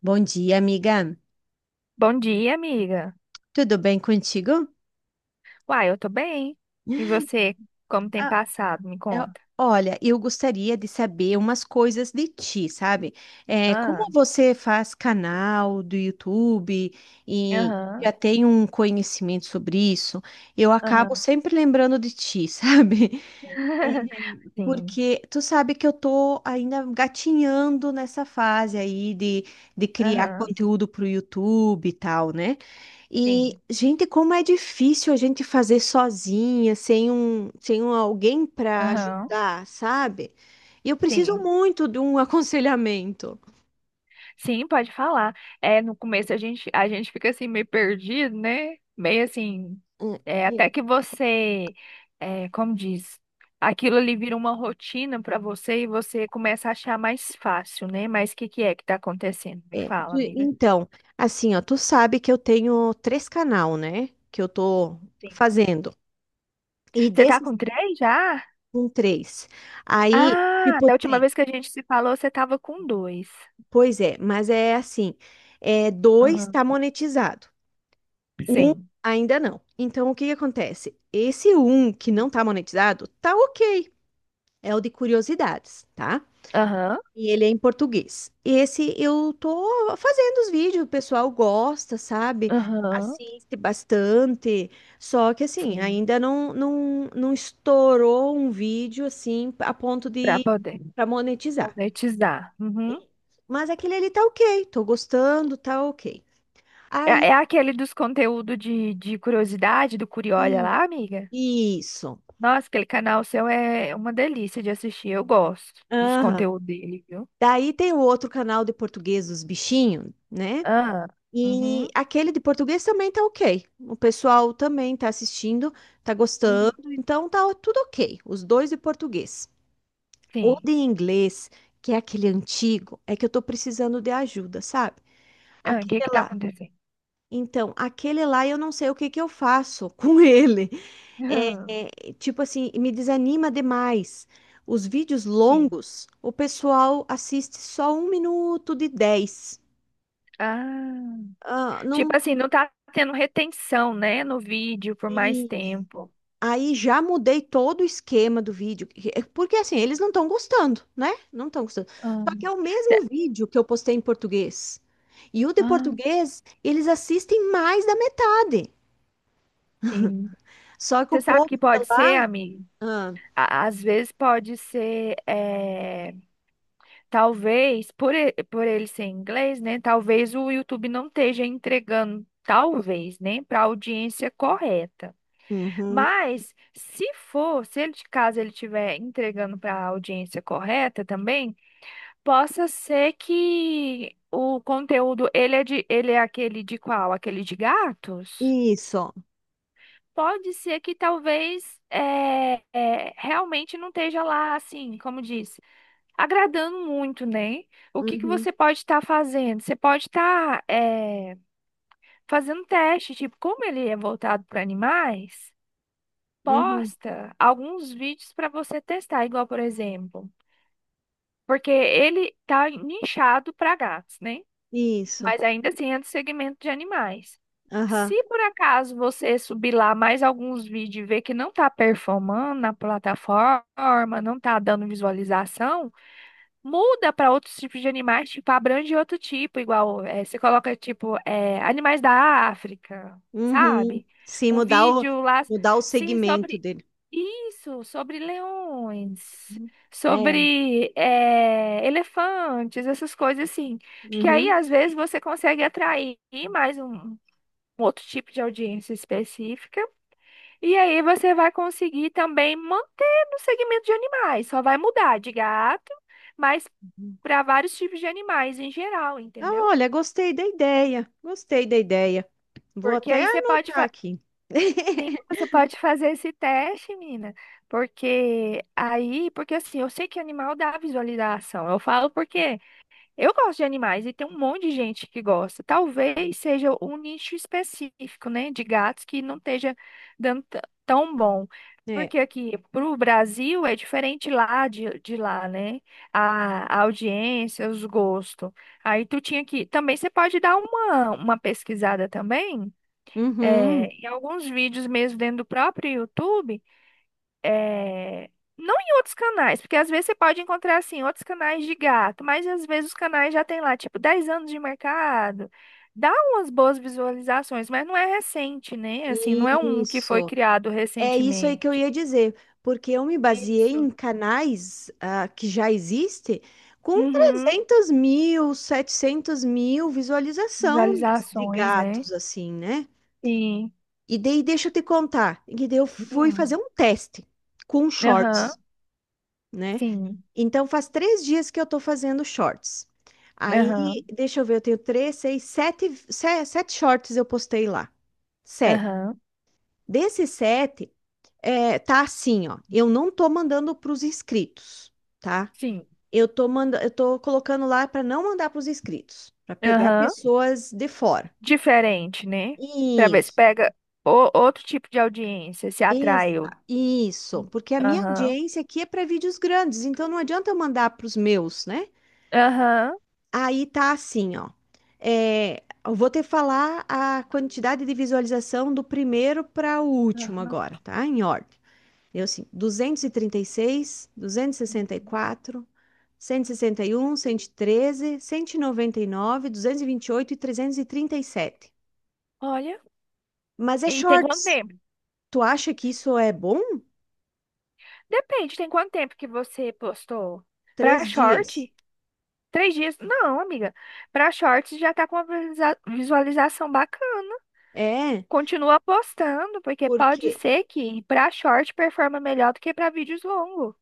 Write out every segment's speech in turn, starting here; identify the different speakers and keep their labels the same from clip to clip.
Speaker 1: Bom dia, amiga.
Speaker 2: Bom dia, amiga.
Speaker 1: Tudo bem contigo?
Speaker 2: Uai, eu tô bem. E você, como tem
Speaker 1: Ah,
Speaker 2: passado? Me
Speaker 1: eu-
Speaker 2: conta.
Speaker 1: olha, eu gostaria de saber umas coisas de ti, sabe? É, como
Speaker 2: Ah,
Speaker 1: você faz canal do YouTube e já
Speaker 2: aham,
Speaker 1: tem um conhecimento sobre isso, eu acabo
Speaker 2: aham,
Speaker 1: sempre lembrando de ti, sabe?
Speaker 2: Sim,
Speaker 1: Porque tu sabe que eu tô ainda gatinhando nessa fase aí de criar
Speaker 2: aham,
Speaker 1: conteúdo pro YouTube e tal, né? E,
Speaker 2: sim,
Speaker 1: gente, como é difícil a gente fazer sozinha, sem um alguém para
Speaker 2: aham.
Speaker 1: ajudar, sabe? E eu preciso
Speaker 2: Sim.
Speaker 1: muito de um aconselhamento.
Speaker 2: Sim, pode falar. É, no começo a gente fica assim meio perdido, né? Meio assim,
Speaker 1: Hum, é,
Speaker 2: até que você, como diz, aquilo ali vira uma rotina pra você e você começa a achar mais fácil, né? Mas o que que é que tá acontecendo? Me
Speaker 1: é.
Speaker 2: fala, amiga.
Speaker 1: Então, assim, ó, tu sabe que eu tenho três canal, né? Que eu tô
Speaker 2: Sim.
Speaker 1: fazendo. E
Speaker 2: Você tá
Speaker 1: desses
Speaker 2: com três já?
Speaker 1: com três. Aí,
Speaker 2: Ah,
Speaker 1: tipo,
Speaker 2: da última
Speaker 1: tem.
Speaker 2: vez que a gente se falou, você tava com dois.
Speaker 1: Pois é, mas é assim, é, dois
Speaker 2: Aham.
Speaker 1: está monetizado, um
Speaker 2: Sim.
Speaker 1: ainda não. Então, o que que acontece? Esse um que não está monetizado, tá ok, é o de curiosidades, tá?
Speaker 2: Aham.
Speaker 1: E ele é em português. Esse eu tô fazendo os vídeos, o pessoal gosta, sabe?
Speaker 2: Aham.
Speaker 1: Assiste bastante, só que assim,
Speaker 2: Sim.
Speaker 1: ainda não estourou um vídeo assim a ponto
Speaker 2: Pra
Speaker 1: de
Speaker 2: poder
Speaker 1: para monetizar.
Speaker 2: monetizar. Uhum.
Speaker 1: Mas aquele ali tá ok, tô gostando, tá ok. Aí,
Speaker 2: É aquele dos conteúdos de curiosidade, do Curiolha
Speaker 1: i-
Speaker 2: lá, amiga?
Speaker 1: isso.
Speaker 2: Nossa, aquele canal seu é uma delícia de assistir. Eu gosto dos
Speaker 1: Aham.
Speaker 2: conteúdos dele, viu?
Speaker 1: Daí tem o outro canal de português dos bichinhos, né?
Speaker 2: Ah.
Speaker 1: E
Speaker 2: Uhum.
Speaker 1: aquele de português também tá ok. O pessoal também tá assistindo, tá
Speaker 2: Uhum.
Speaker 1: gostando, então tá tudo ok. Os dois de português. O
Speaker 2: Sim.
Speaker 1: de inglês, que é aquele antigo, é que eu tô precisando de ajuda, sabe?
Speaker 2: Ah, o
Speaker 1: Aquele
Speaker 2: que que tá
Speaker 1: lá.
Speaker 2: acontecendo?
Speaker 1: Então, aquele lá eu não sei o que que eu faço com ele. É,
Speaker 2: Aham.
Speaker 1: é, tipo assim, me desanima demais. Os vídeos
Speaker 2: Sim.
Speaker 1: longos, o pessoal assiste só um minuto de 10.
Speaker 2: Ah.
Speaker 1: Ah,
Speaker 2: Tipo
Speaker 1: não.
Speaker 2: assim, não tá tendo retenção, né, no vídeo por mais
Speaker 1: Isso.
Speaker 2: tempo.
Speaker 1: Aí já mudei todo o esquema do vídeo, porque assim, eles não estão gostando, né? Não estão gostando.
Speaker 2: Ah,
Speaker 1: Só que é o mesmo vídeo que eu postei em português. E o de
Speaker 2: ah,
Speaker 1: português, eles assistem mais da metade.
Speaker 2: sim.
Speaker 1: Só que o
Speaker 2: Você sabe
Speaker 1: povo
Speaker 2: que
Speaker 1: de
Speaker 2: pode ser,
Speaker 1: lá.
Speaker 2: amiga? Às vezes pode ser, talvez, por ele ser inglês, né? Talvez o YouTube não esteja entregando, talvez, né? Para a audiência correta.
Speaker 1: Uhum.
Speaker 2: Mas, se for, se ele de caso ele estiver entregando para a audiência correta também, possa ser que o conteúdo, ele é de, ele é aquele de qual? Aquele de gatos?
Speaker 1: Isso.
Speaker 2: Pode ser que talvez é, realmente não esteja lá, assim, como disse, agradando muito, né? O que que
Speaker 1: Uhum.
Speaker 2: você pode estar fazendo? Você pode estar é, fazendo teste, tipo, como ele é voltado para animais,
Speaker 1: Uhum.
Speaker 2: posta alguns vídeos para você testar, igual, por exemplo, porque ele tá nichado para gatos, né?
Speaker 1: Isso.
Speaker 2: Mas ainda assim é do segmento de animais.
Speaker 1: Aham.
Speaker 2: Se por acaso você subir lá mais alguns vídeos e ver que não está performando na plataforma, não está dando visualização, muda para outros tipos de animais, tipo, abrange outro tipo, igual você coloca, tipo, animais da África,
Speaker 1: Uhum.
Speaker 2: sabe?
Speaker 1: Sim,
Speaker 2: Um
Speaker 1: mudar o,
Speaker 2: vídeo lá,
Speaker 1: mudar o
Speaker 2: sim,
Speaker 1: segmento
Speaker 2: sobre
Speaker 1: dele.
Speaker 2: isso, sobre leões,
Speaker 1: Uhum. É.
Speaker 2: sobre elefantes, essas coisas assim. Que aí,
Speaker 1: Uhum.
Speaker 2: às vezes, você consegue atrair mais um outro tipo de audiência específica. E aí, você vai conseguir também manter no segmento de animais. Só vai mudar de gato, mas
Speaker 1: Uhum.
Speaker 2: para vários tipos de animais em geral,
Speaker 1: Ah,
Speaker 2: entendeu?
Speaker 1: olha, gostei da ideia. Gostei da ideia. Vou
Speaker 2: Porque
Speaker 1: até
Speaker 2: aí você pode
Speaker 1: anotar
Speaker 2: fazer.
Speaker 1: aqui.
Speaker 2: Sim, você pode fazer esse teste, menina, porque aí, porque assim, eu sei que animal dá visualização. Eu falo porque eu gosto de animais e tem um monte de gente que gosta. Talvez seja um nicho específico, né, de gatos que não esteja dando tão bom.
Speaker 1: É.
Speaker 2: Porque aqui pro Brasil é diferente lá de lá, né? A audiência, os gostos. Aí tu tinha que. Também você pode dar uma pesquisada também
Speaker 1: Uhum.
Speaker 2: em alguns vídeos mesmo dentro do próprio YouTube, é, não em outros canais, porque às vezes você pode encontrar assim outros canais de gato, mas às vezes os canais já tem lá tipo 10 anos de mercado, dá umas boas visualizações, mas não é recente, né? Assim, não é um que foi
Speaker 1: Isso.
Speaker 2: criado
Speaker 1: É isso aí que eu
Speaker 2: recentemente.
Speaker 1: ia dizer, porque eu me baseei
Speaker 2: Isso.
Speaker 1: em canais que já existem com
Speaker 2: Uhum.
Speaker 1: 300.000, 700.000 visualização de
Speaker 2: Visualizações, né?
Speaker 1: gatos, assim, né?
Speaker 2: Sim.
Speaker 1: E daí, deixa eu te contar, e daí eu fui fazer
Speaker 2: Uhum.
Speaker 1: um teste com
Speaker 2: Aham.
Speaker 1: shorts, né?
Speaker 2: Sim.
Speaker 1: Então, faz 3 dias que eu tô fazendo shorts. Aí,
Speaker 2: Aham.
Speaker 1: deixa eu ver, eu tenho três, seis, sete, sete shorts eu postei lá. Sete.
Speaker 2: Aham.
Speaker 1: Desses sete, é, tá assim, ó. Eu não tô mandando para os inscritos, tá?
Speaker 2: Sim.
Speaker 1: Eu tô colocando lá para não mandar para os inscritos, para pegar
Speaker 2: Aham.
Speaker 1: pessoas de fora.
Speaker 2: Diferente, né? Pra ver se
Speaker 1: Isso,
Speaker 2: pega outro tipo de audiência, se
Speaker 1: exa,
Speaker 2: atraiu.
Speaker 1: isso, porque a minha
Speaker 2: Aham.
Speaker 1: audiência aqui é para vídeos grandes, então não adianta eu mandar para os meus, né?
Speaker 2: Aham.
Speaker 1: Aí tá assim, ó. É, eu vou te falar a quantidade de visualização do primeiro para o último
Speaker 2: Aham.
Speaker 1: agora, tá? Em ordem. Eu assim, 236, 264,
Speaker 2: Uhum.
Speaker 1: 161, 113, 199, 228 e quatro cento cento cento 161, 113, 199, 228 e 337.
Speaker 2: Olha.
Speaker 1: Mas é
Speaker 2: E tem quanto
Speaker 1: shorts.
Speaker 2: tempo?
Speaker 1: Tu acha que isso é bom?
Speaker 2: Depende, tem quanto tempo que você postou? Pra
Speaker 1: 3 dias.
Speaker 2: short? 3 dias? Não, amiga. Pra shorts já tá com uma visualização bacana.
Speaker 1: É,
Speaker 2: Continua postando, porque pode
Speaker 1: porque
Speaker 2: ser que pra short performa melhor do que pra vídeos longos.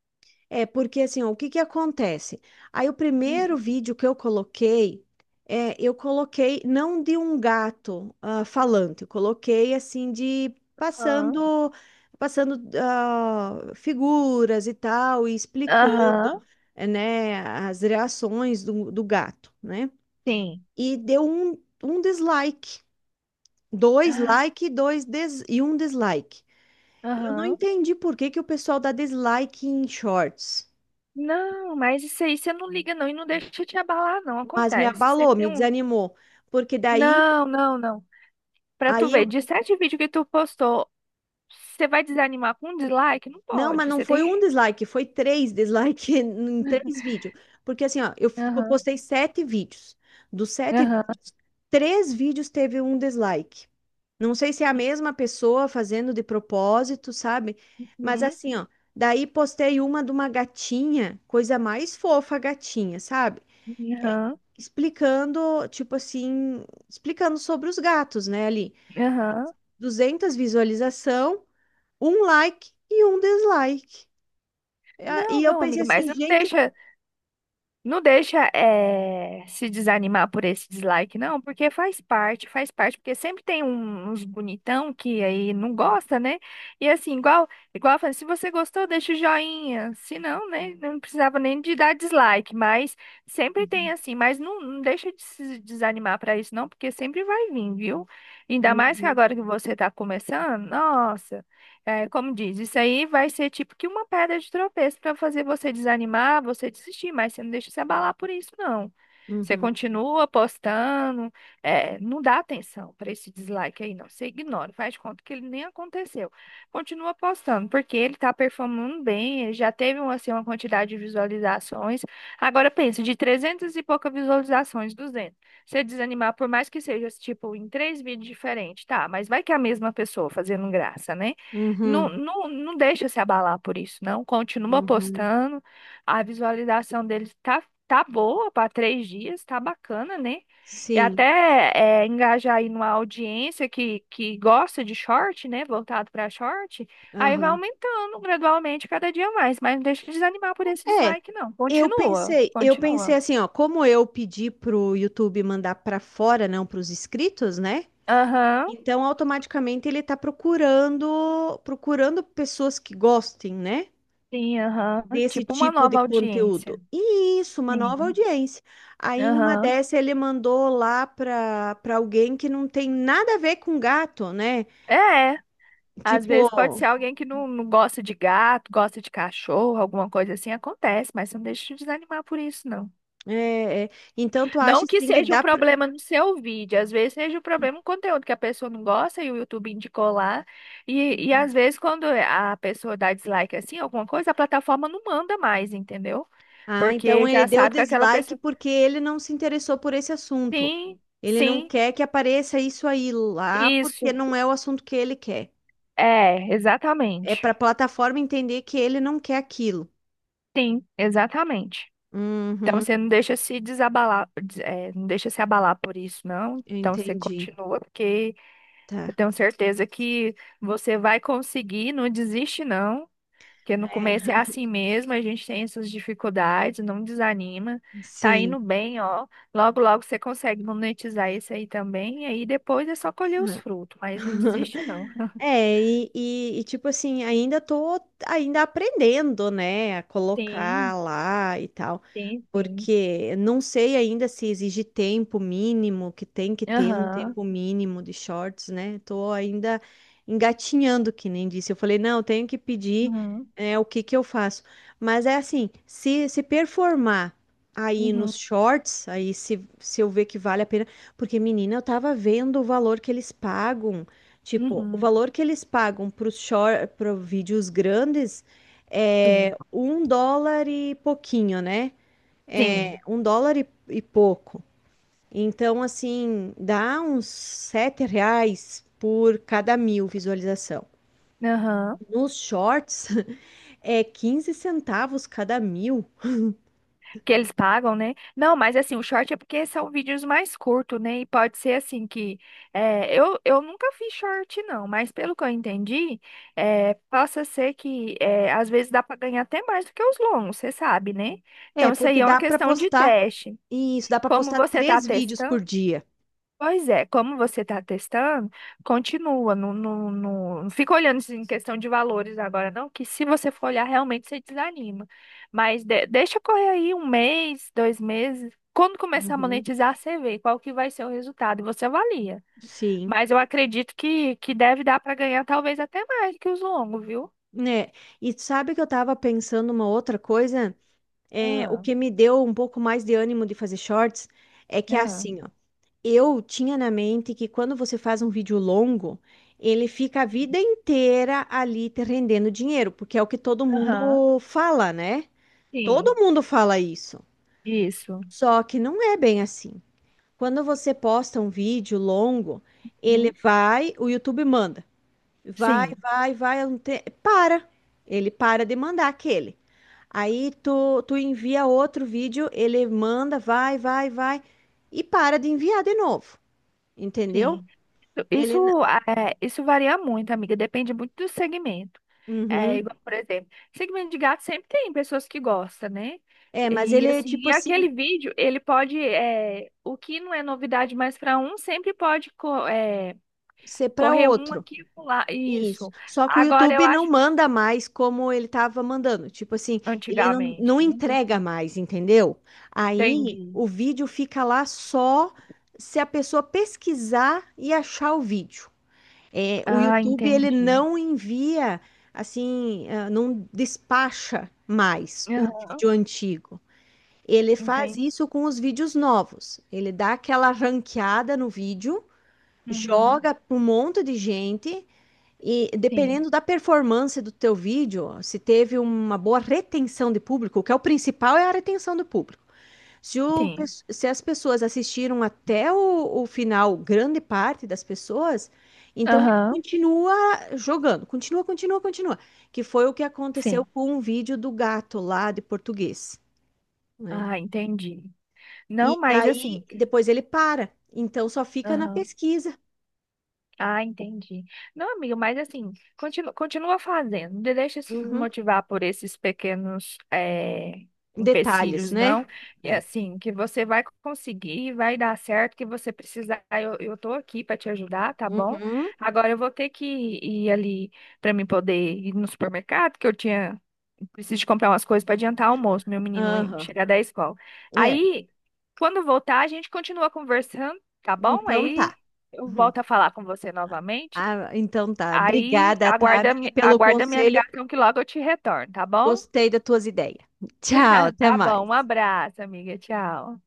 Speaker 1: É porque assim, ó, o que que acontece? Aí o primeiro vídeo que eu coloquei, eu coloquei não de um gato falante, eu coloquei assim de
Speaker 2: Aham.
Speaker 1: passando, passando figuras e tal, e explicando,
Speaker 2: Aham.
Speaker 1: né, as reações do gato, né?
Speaker 2: Sim.
Speaker 1: E deu um dislike, dois
Speaker 2: Ah,
Speaker 1: like, e um dislike. Eu não
Speaker 2: aham.
Speaker 1: entendi por que que o pessoal dá dislike em shorts.
Speaker 2: Não, mas isso aí você não liga não e não deixa te abalar não,
Speaker 1: Mas me
Speaker 2: acontece.
Speaker 1: abalou,
Speaker 2: Sempre tem
Speaker 1: me
Speaker 2: um.
Speaker 1: desanimou, porque
Speaker 2: Não, não, não. Pra tu
Speaker 1: aí eu,
Speaker 2: ver, de 7 vídeos que tu postou, você vai desanimar com um dislike? Não
Speaker 1: não, mas
Speaker 2: pode.
Speaker 1: não
Speaker 2: Você
Speaker 1: foi um
Speaker 2: tem.
Speaker 1: dislike, foi três dislike em três vídeos, porque assim, ó, eu
Speaker 2: Aham,
Speaker 1: postei sete vídeos, dos sete
Speaker 2: aham,
Speaker 1: vídeos, três vídeos teve um dislike. Não sei se é a mesma pessoa fazendo de propósito, sabe? Mas
Speaker 2: uhum,
Speaker 1: assim, ó, daí postei uma de uma gatinha, coisa mais fofa, a gatinha, sabe?
Speaker 2: aham,
Speaker 1: Explicando, tipo assim, explicando sobre os gatos, né, ali.
Speaker 2: aham.
Speaker 1: 200 visualização, um like e um dislike. Ah, e
Speaker 2: Não,
Speaker 1: eu
Speaker 2: não,
Speaker 1: pensei
Speaker 2: amiga,
Speaker 1: assim,
Speaker 2: mas não
Speaker 1: gente.
Speaker 2: deixa. Não deixa se desanimar por esse dislike, não, porque faz parte, porque sempre tem uns bonitão que aí não gosta, né? E assim, igual eu falei, se você gostou, deixa o joinha. Se não, né? Não precisava nem de dar dislike, mas sempre tem
Speaker 1: Uhum,
Speaker 2: assim, mas não, não deixa de se desanimar para isso, não, porque sempre vai vir, viu? Ainda mais que
Speaker 1: uhum,
Speaker 2: agora que você tá começando, nossa. É, como diz, isso aí vai ser tipo que uma pedra de tropeço para fazer você desanimar, você desistir, mas você não deixa se abalar por isso, não. Você
Speaker 1: uhum,
Speaker 2: continua postando, não dá atenção para esse dislike aí, não. Você ignora, faz de conta que ele nem aconteceu. Continua postando, porque ele tá performando bem, ele já teve um, assim, uma quantidade de visualizações. Agora pensa, de 300 e poucas visualizações, 200. Você desanimar, por mais que seja tipo em 3 vídeos diferentes, tá? Mas vai que é a mesma pessoa fazendo graça, né? Não,
Speaker 1: uhum,
Speaker 2: não, não deixa se abalar por isso, não. Continua
Speaker 1: uhum.
Speaker 2: postando. A visualização dele tá, boa para 3 dias, tá bacana, né? E
Speaker 1: Sim,
Speaker 2: até engajar aí numa audiência que gosta de short, né? Voltado para short. Aí vai
Speaker 1: aham.
Speaker 2: aumentando gradualmente cada dia mais. Mas não deixa de desanimar por esse
Speaker 1: É,
Speaker 2: dislike, não.
Speaker 1: eu
Speaker 2: Continua,
Speaker 1: pensei, eu pensei
Speaker 2: continua.
Speaker 1: assim, ó, como eu pedi pro YouTube mandar pra fora, não pros inscritos, né?
Speaker 2: Aham,
Speaker 1: Então automaticamente ele tá procurando, procurando pessoas que gostem, né?
Speaker 2: sim, aham.
Speaker 1: Desse
Speaker 2: Tipo uma
Speaker 1: tipo de
Speaker 2: nova
Speaker 1: conteúdo.
Speaker 2: audiência.
Speaker 1: E isso, uma nova
Speaker 2: Sim.
Speaker 1: audiência. Aí numa
Speaker 2: Aham.
Speaker 1: dessa ele mandou lá para alguém que não tem nada a ver com gato, né?
Speaker 2: É. Às
Speaker 1: Tipo,
Speaker 2: vezes pode ser alguém que não, não gosta de gato, gosta de cachorro, alguma coisa assim, acontece, mas não deixa de desanimar por isso, não.
Speaker 1: é, é, então tu acha
Speaker 2: Não que
Speaker 1: assim que
Speaker 2: seja o
Speaker 1: dá para.
Speaker 2: problema no seu vídeo, às vezes seja o problema no conteúdo que a pessoa não gosta e o YouTube indicou lá. E às vezes quando a pessoa dá dislike assim, alguma coisa, a plataforma não manda mais, entendeu?
Speaker 1: Ah, então
Speaker 2: Porque
Speaker 1: ele
Speaker 2: já
Speaker 1: deu
Speaker 2: sabe que aquela
Speaker 1: dislike
Speaker 2: pessoa.
Speaker 1: porque ele não se interessou por esse assunto.
Speaker 2: Sim,
Speaker 1: Ele não
Speaker 2: sim,
Speaker 1: quer que apareça isso aí lá porque
Speaker 2: isso.
Speaker 1: não é o assunto que ele quer.
Speaker 2: É,
Speaker 1: É para
Speaker 2: exatamente.
Speaker 1: a plataforma entender que ele não quer aquilo.
Speaker 2: Sim, exatamente. Então
Speaker 1: Uhum,
Speaker 2: você não deixa se desabalar, não deixa se abalar por isso, não.
Speaker 1: eu
Speaker 2: Então você
Speaker 1: entendi.
Speaker 2: continua, porque eu
Speaker 1: Tá.
Speaker 2: tenho certeza que você vai conseguir, não desiste, não. Porque no começo é
Speaker 1: É,
Speaker 2: assim mesmo, a gente tem essas dificuldades, não desanima. Tá indo
Speaker 1: sim.
Speaker 2: bem, ó. Logo, logo você consegue monetizar isso aí também, e aí depois é só colher
Speaker 1: É.
Speaker 2: os frutos, mas não desiste, não.
Speaker 1: É, tipo assim, ainda tô ainda aprendendo, né, a colocar
Speaker 2: Sim,
Speaker 1: lá e tal,
Speaker 2: sim, sim.
Speaker 1: porque não sei ainda se exige tempo mínimo, que tem que ter um
Speaker 2: Aham,
Speaker 1: tempo mínimo de shorts, né? Tô ainda engatinhando, que nem disse. Eu falei, não, eu tenho que pedir,
Speaker 2: aham,
Speaker 1: o que que eu faço. Mas é assim, se performar aí nos
Speaker 2: uhum,
Speaker 1: shorts, aí se eu ver que vale a pena, porque menina, eu tava vendo o valor que eles pagam. Tipo, o
Speaker 2: uhum,
Speaker 1: valor que eles pagam para vídeos grandes é
Speaker 2: sim,
Speaker 1: US$ 1 e pouquinho, né? É
Speaker 2: sim,
Speaker 1: um dólar e pouco. Então, assim, dá uns R$ 7 por cada mil visualização.
Speaker 2: aham.
Speaker 1: Nos shorts é 15 centavos cada mil.
Speaker 2: Que eles pagam, né? Não, mas assim, o short é porque são vídeos mais curtos, né? E pode ser assim que eu nunca fiz short, não, mas pelo que eu entendi, possa ser que às vezes dá para ganhar até mais do que os longos, você sabe, né?
Speaker 1: É,
Speaker 2: Então isso
Speaker 1: porque
Speaker 2: aí é uma
Speaker 1: dá para
Speaker 2: questão de
Speaker 1: postar
Speaker 2: teste.
Speaker 1: isso, dá para
Speaker 2: Como
Speaker 1: postar
Speaker 2: você está
Speaker 1: três vídeos por
Speaker 2: testando.
Speaker 1: dia.
Speaker 2: Pois é, como você está testando, continua, não, não, não, não fica olhando isso em questão de valores agora, não, que se você for olhar, realmente você desanima. Mas deixa correr aí um mês, 2 meses. Quando começar a
Speaker 1: Uhum.
Speaker 2: monetizar, você vê qual que vai ser o resultado e você avalia.
Speaker 1: Sim,
Speaker 2: Mas eu acredito que, deve dar para ganhar talvez até mais que os longos, viu?
Speaker 1: né? E sabe que eu tava pensando uma outra coisa? É, o
Speaker 2: Ah,
Speaker 1: que me deu um pouco mais de ânimo de fazer shorts é que é
Speaker 2: ah,
Speaker 1: assim, ó. Eu tinha na mente que quando você faz um vídeo longo, ele fica a vida inteira ali te rendendo dinheiro, porque é o que todo
Speaker 2: aham.
Speaker 1: mundo fala, né? Todo
Speaker 2: Sim,
Speaker 1: mundo fala isso.
Speaker 2: isso.
Speaker 1: Só que não é bem assim. Quando você posta um vídeo longo, ele
Speaker 2: Hum.
Speaker 1: vai, o YouTube manda. Vai,
Speaker 2: Sim,
Speaker 1: vai, vai, para. Ele para de mandar aquele. Aí tu envia outro vídeo, ele manda, vai, vai, vai, e para de enviar de novo, entendeu?
Speaker 2: sim. Isso,
Speaker 1: Ele.
Speaker 2: isso varia muito, amiga, depende muito do segmento. É
Speaker 1: Uhum.
Speaker 2: igual, por exemplo, segmento de gato sempre tem pessoas que gostam, né?
Speaker 1: É, mas
Speaker 2: E
Speaker 1: ele é
Speaker 2: assim,
Speaker 1: tipo
Speaker 2: e
Speaker 1: assim,
Speaker 2: aquele vídeo, ele pode, o que não é novidade mais para um, sempre pode
Speaker 1: ser para
Speaker 2: correr um
Speaker 1: outro.
Speaker 2: aqui e pular.
Speaker 1: Isso.
Speaker 2: Isso.
Speaker 1: Só que o
Speaker 2: Agora eu
Speaker 1: YouTube não
Speaker 2: acho,
Speaker 1: manda mais como ele estava mandando. Tipo assim, ele não,
Speaker 2: antigamente,
Speaker 1: não
Speaker 2: né?
Speaker 1: entrega mais, entendeu? Aí
Speaker 2: Entendi.
Speaker 1: o vídeo fica lá só se a pessoa pesquisar e achar o vídeo. É, o
Speaker 2: Ah,
Speaker 1: YouTube ele
Speaker 2: entendi.
Speaker 1: não envia assim, não despacha mais o
Speaker 2: Aham,
Speaker 1: vídeo antigo. Ele faz
Speaker 2: entendi.
Speaker 1: isso com os vídeos novos. Ele dá aquela ranqueada no vídeo,
Speaker 2: Uhum.
Speaker 1: joga para um monte de gente e
Speaker 2: Sim,
Speaker 1: dependendo da performance do teu vídeo, se teve uma boa retenção de público, o que é o principal é a retenção do público. Se, o pe-
Speaker 2: sim.
Speaker 1: se as pessoas assistiram até o final, grande parte das pessoas, então ele
Speaker 2: Aham,
Speaker 1: continua jogando, continua, continua, continua. Que foi o que aconteceu
Speaker 2: sim.
Speaker 1: com um vídeo do gato lá de português, né?
Speaker 2: Ah, entendi. Não,
Speaker 1: E
Speaker 2: mas
Speaker 1: daí
Speaker 2: assim.
Speaker 1: depois ele para, então só fica na pesquisa.
Speaker 2: Ah, entendi. Não, amigo, mas assim, continua, continua fazendo. Não deixa se
Speaker 1: Uhum.
Speaker 2: desmotivar por esses pequenos
Speaker 1: Detalhes,
Speaker 2: empecilhos,
Speaker 1: né?
Speaker 2: não. E
Speaker 1: É.
Speaker 2: assim, que você vai conseguir, vai dar certo, que você precisar, eu tô aqui para te ajudar, tá bom?
Speaker 1: Uhum.
Speaker 2: Agora eu vou ter que ir ali para mim poder ir no supermercado, que eu tinha, preciso de comprar umas coisas para adiantar o almoço, meu menino
Speaker 1: Aham.
Speaker 2: chegar da escola.
Speaker 1: É.
Speaker 2: Aí, quando voltar, a gente continua conversando, tá bom?
Speaker 1: Então
Speaker 2: Aí
Speaker 1: tá.
Speaker 2: eu
Speaker 1: Uhum.
Speaker 2: volto a falar com você novamente.
Speaker 1: Ah, então tá.
Speaker 2: Aí
Speaker 1: Obrigada, tá,
Speaker 2: aguarda,
Speaker 1: amiga, pelo
Speaker 2: aguarda minha
Speaker 1: conselho.
Speaker 2: ligação que logo eu te retorno, tá bom?
Speaker 1: Gostei das tuas ideias. Tchau, até
Speaker 2: Tá bom, um
Speaker 1: mais.
Speaker 2: abraço, amiga. Tchau.